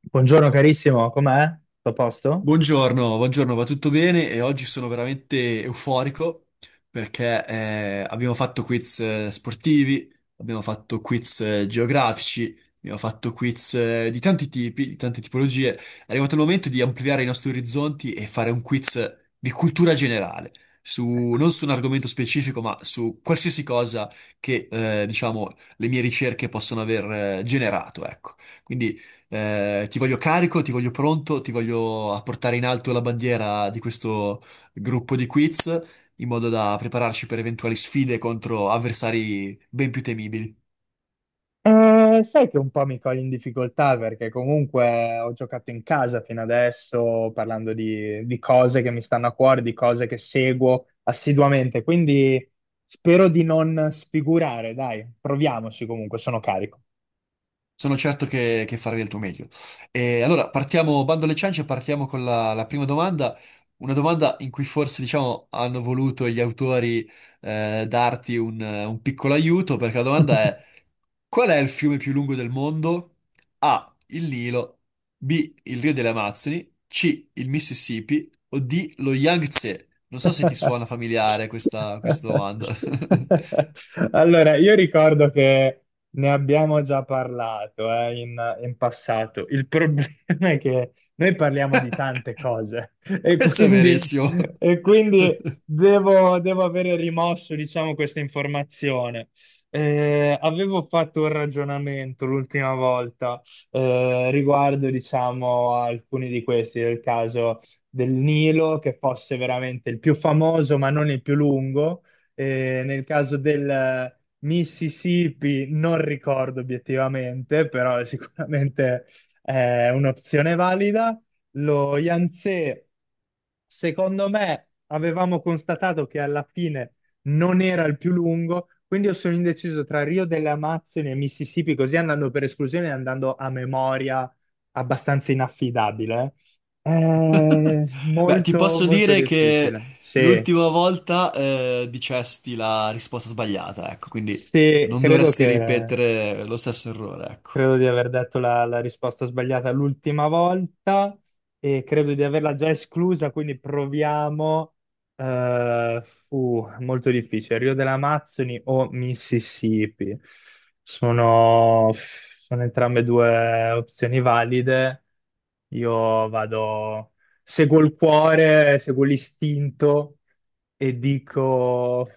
Buongiorno carissimo, com'è? Tutto a posto? Buongiorno, buongiorno, va tutto bene e oggi sono veramente euforico perché abbiamo fatto quiz sportivi, abbiamo fatto quiz geografici, abbiamo fatto quiz di tanti tipi, di tante tipologie. È arrivato il momento di ampliare i nostri orizzonti e fare un quiz di cultura generale, non su un argomento specifico, ma su qualsiasi cosa che, diciamo, le mie ricerche possono aver generato, ecco. Quindi ti voglio carico, ti voglio pronto, ti voglio a portare in alto la bandiera di questo gruppo di quiz in modo da prepararci per eventuali sfide contro avversari ben più temibili. Sai che un po' mi cogli in difficoltà perché comunque ho giocato in casa fino adesso parlando di cose che mi stanno a cuore, di cose che seguo assiduamente, quindi spero di non sfigurare, dai, proviamoci comunque, sono carico. Sono certo che farai del tuo meglio. E allora, partiamo, bando alle ciance, partiamo con la prima domanda. Una domanda in cui forse, diciamo, hanno voluto gli autori darti un piccolo aiuto, perché la domanda è: qual è il fiume più lungo del mondo? A. Il Nilo, B. Il Rio delle Amazzoni, C. Il Mississippi o D. Lo Yangtze? Non so se ti suona familiare questa domanda. Allora, io ricordo che ne abbiamo già parlato, in passato. Il problema è che noi parliamo di tante cose e Questo è quindi, verissimo. e quindi devo avere rimosso, diciamo, questa informazione. Avevo fatto un ragionamento l'ultima volta riguardo, diciamo, a alcuni di questi, nel caso del Nilo, che fosse veramente il più famoso, ma non il più lungo. Nel caso del Mississippi non ricordo obiettivamente, però è un'opzione valida. Lo Yangtze, secondo me, avevamo constatato che alla fine non era il più lungo, quindi io sono indeciso tra Rio delle Amazzoni e Mississippi, così andando per esclusione e andando a memoria abbastanza inaffidabile. Beh, ti posso Molto dire che difficile. Sì, l'ultima volta dicesti la risposta sbagliata, ecco, quindi sì, non dovresti ripetere lo stesso errore, ecco. credo di aver detto la risposta sbagliata l'ultima volta e credo di averla già esclusa, quindi proviamo. eh, Fu molto difficile. Rio delle Amazzoni o Mississippi? Sono entrambe due opzioni valide. Io vado, Seguo il cuore, seguo l'istinto e dico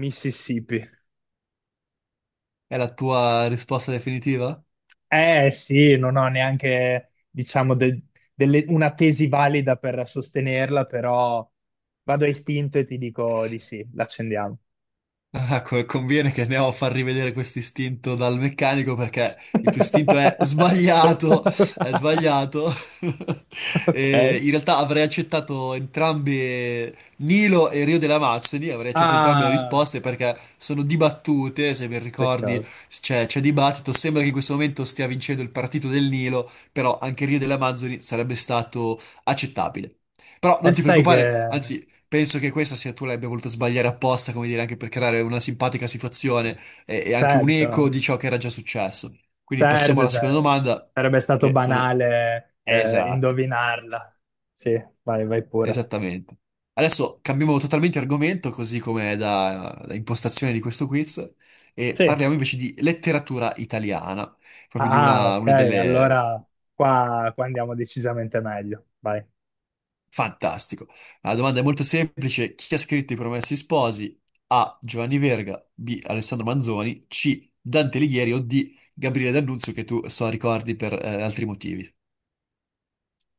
Mississippi. È la tua risposta definitiva? Eh sì, non ho neanche, diciamo, una tesi valida per sostenerla, però vado a istinto e ti dico di sì, l'accendiamo. Ah, conviene che andiamo a far rivedere questo istinto dal meccanico perché il tuo istinto è sbagliato, è sbagliato. Ok. E in realtà avrei accettato entrambe Nilo e Rio delle Amazzoni, avrei accettato entrambe le Ah, risposte perché sono dibattute, se ben ricordi peccato. c'è dibattito, sembra che in questo momento stia vincendo il partito del Nilo, però anche Rio delle Amazzoni sarebbe stato accettabile. Però E non ti sai che, preoccupare, anzi penso che questa sia tu l'abbia voluta sbagliare apposta, come dire, anche per creare una simpatica situazione e anche un eco certo, di ciò che era già successo. Quindi passiamo certo, alla seconda cioè, domanda, sarebbe stato che sono... banale Esatto, indovinarla. Sì, vai, vai pure. esattamente. Adesso cambiamo totalmente argomento, così come è da impostazione di questo quiz, e Sì. parliamo invece di letteratura italiana, proprio di Ah, ok, una delle... allora qua andiamo decisamente meglio. Vai. Fantastico. La domanda è molto semplice. Chi ha scritto I Promessi Sposi? A. Giovanni Verga, B. Alessandro Manzoni, C. Dante Alighieri o D. Gabriele D'Annunzio, che tu so ricordi per altri motivi,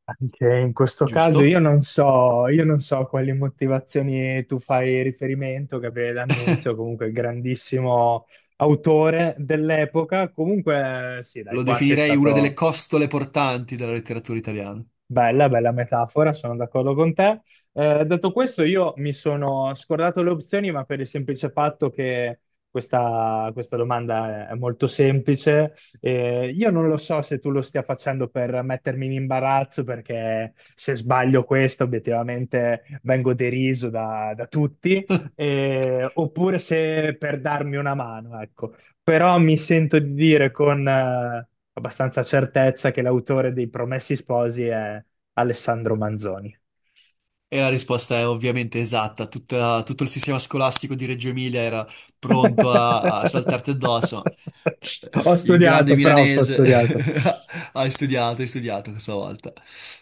Anche in questo caso giusto? Io non so quali motivazioni tu fai riferimento, che l'annunzio, comunque grandissimo autore dell'epoca. Comunque, sì, dai, Lo qua sei definirei una delle stato. costole portanti della letteratura italiana. Bella, bella metafora, sono d'accordo con te. Detto questo, io mi sono scordato le opzioni, ma per il semplice fatto che questa domanda è molto semplice. Io non lo so se tu lo stia facendo per mettermi in imbarazzo, perché se sbaglio questo, obiettivamente vengo deriso da tutti, oppure se per darmi una mano, ecco, però mi sento di dire con abbastanza certezza che l'autore dei Promessi Sposi è Alessandro Manzoni. E la risposta è ovviamente esatta. Tutto il sistema scolastico di Reggio Emilia era pronto a saltarti addosso. Ho Il grande studiato, però ho milanese studiato. Hai studiato questa volta.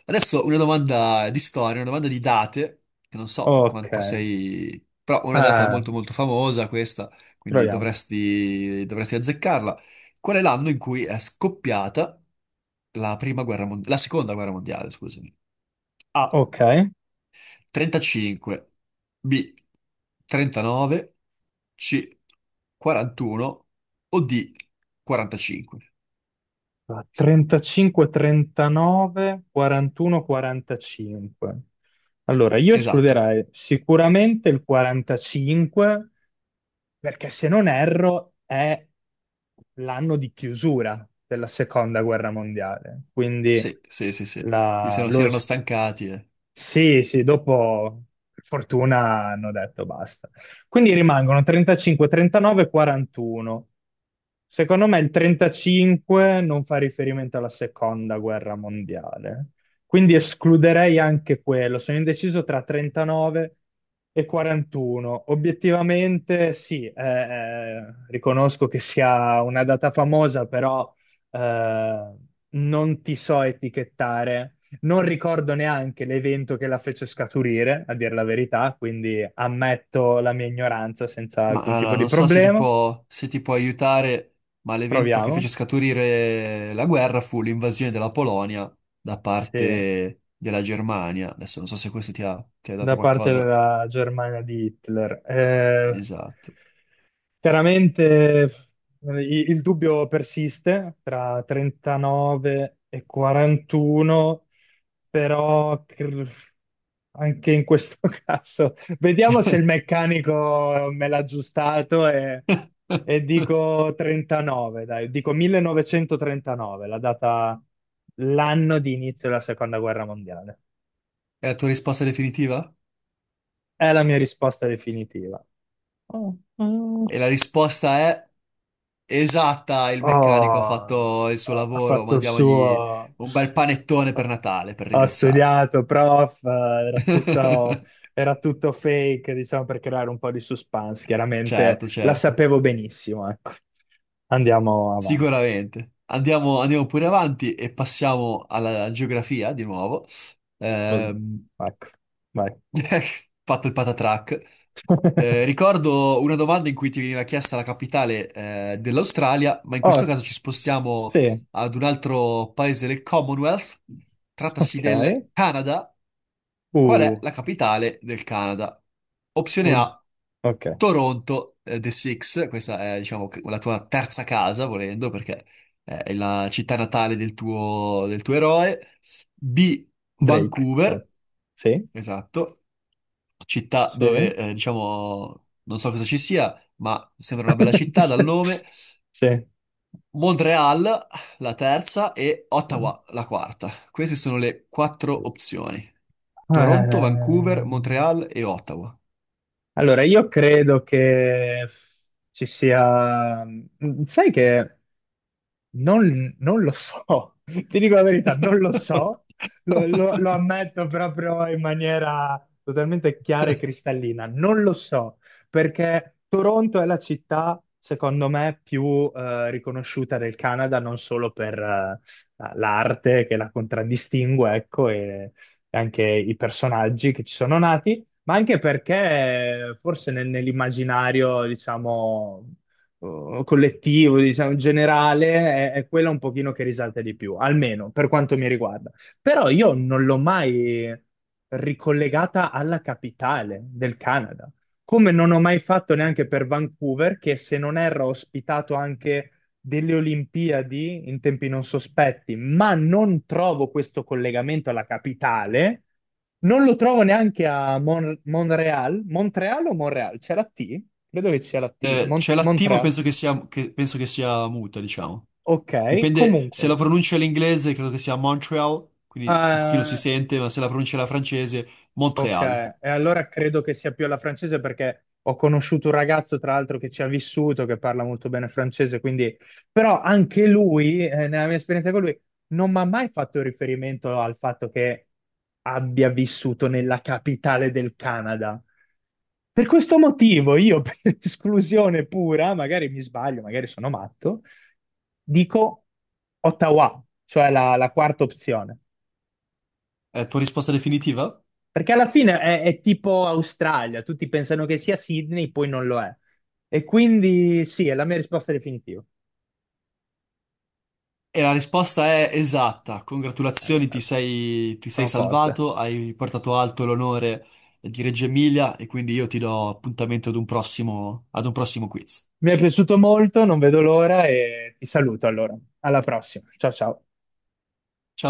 Adesso una domanda di storia, una domanda di date, che non so Ok. quanto sei... però una data molto molto famosa questa, quindi Proviamo. dovresti, dovresti azzeccarla. Qual è l'anno in cui è scoppiata la prima guerra mondiale, la seconda guerra mondiale, scusami? A. Ok, 35, B, 39, C, 41 o D, 45. 35-39, 41-45. Allora, io Esatto. escluderei sicuramente il 45 perché se non erro è l'anno di chiusura della seconda guerra mondiale, quindi Sì, sì, sì, sì. Sì, se la- non si lo erano es- stancati, eh. sì, sì, dopo per fortuna hanno detto basta. Quindi rimangono 35, 39, 41. Secondo me il 35 non fa riferimento alla seconda guerra mondiale, quindi escluderei anche quello. Sono indeciso tra 39 e 41. Obiettivamente sì, riconosco che sia una data famosa, però eh, non ti so etichettare, non ricordo neanche l'evento che la fece scaturire, a dire la verità, quindi ammetto la mia ignoranza senza Ma alcun tipo allora, di non so se ti problema. può, se ti può aiutare, ma l'evento che Proviamo. fece scaturire la guerra fu l'invasione della Polonia da Sì. parte della Germania. Adesso non so se questo ti ha dato Da parte qualcosa. della Germania di Hitler. Esatto. Chiaramente il dubbio persiste tra 39 e 41, però anche in questo caso vediamo se il meccanico me l'ha aggiustato e dico 39, dai, dico 1939, la data, l'anno di inizio della seconda guerra mondiale. È la tua risposta definitiva? È la mia risposta definitiva. Oh, mm, E la risposta è... esatta, il meccanico ha oh, fatto il suo ha lavoro, fatto il mandiamogli suo, un bel panettone per Natale per ha ringraziarlo. studiato, prof, era tutto, era tutto fake, diciamo, per creare un po' di suspense. Certo, Chiaramente la certo, sapevo benissimo, ecco. Andiamo avanti. sicuramente. Andiamo, andiamo pure avanti e passiamo alla geografia di nuovo. Oh, Ehm, ecco, vai. fatto il patatrack. Ricordo una domanda in cui ti veniva chiesta la capitale, dell'Australia, ma in Oh, questo caso ci spostiamo sì. ad un altro paese del Commonwealth. Trattasi Ok. del Canada. Qual è Uh, la capitale del Canada? Opzione oh, A, ok. Toronto, The Six. Questa è, diciamo, la tua terza casa, volendo, perché è la città natale del tuo eroe. B, Drake. Vancouver. Sì, Esatto, città sì. dove, diciamo, non so cosa ci sia, ma sembra una bella città dal nome. Sì, sì. Montreal, la terza, e Eh, Ottawa, la quarta. Queste sono le quattro opzioni. Toronto, Vancouver, Montreal e Ottawa. allora, io credo che ci sia... sai che non, non lo so, ti dico la verità, non lo so, lo ammetto proprio in maniera totalmente chiara e cristallina, non lo so, perché Toronto è la città, secondo me, più riconosciuta del Canada, non solo per l'arte che la contraddistingue, ecco, e anche i personaggi che ci sono nati, ma anche perché forse nell'immaginario, diciamo collettivo, diciamo, generale, è quella un pochino che risalta di più, almeno per quanto mi riguarda. Però io non l'ho mai ricollegata alla capitale del Canada, come non ho mai fatto neanche per Vancouver, che se non erro ha ospitato anche delle Olimpiadi in tempi non sospetti, ma non trovo questo collegamento alla capitale, non lo trovo neanche a Monreal. Montreal o Monreal? C'è la T? Credo che sia la T. C'è l'attivo, Montreal. penso che sia, penso che sia muta, diciamo. Ok, Dipende comunque. se la pronuncia è l'inglese, credo che sia Montreal, quindi un pochino si Eh, sente, ma se la pronuncia è la francese, Ok, Montreal. e allora credo che sia più alla francese perché ho conosciuto un ragazzo, tra l'altro, che ci ha vissuto, che parla molto bene francese, quindi... Però anche lui, nella mia esperienza con lui, non mi ha mai fatto riferimento al fatto che abbia vissuto nella capitale del Canada. Per questo motivo io, per esclusione pura, magari mi sbaglio, magari sono matto, dico Ottawa, cioè la quarta opzione. È tua risposta definitiva? Perché alla fine è tipo Australia, tutti pensano che sia Sydney, poi non lo è. E quindi sì, è la mia risposta definitiva. E la risposta è esatta. Congratulazioni, Ragazzi, ti sei sono forte. salvato, hai portato alto l'onore di Reggio Emilia e quindi io ti do appuntamento ad un prossimo quiz. Mi è piaciuto molto, non vedo l'ora e ti saluto allora. Alla prossima. Ciao ciao. Ciao.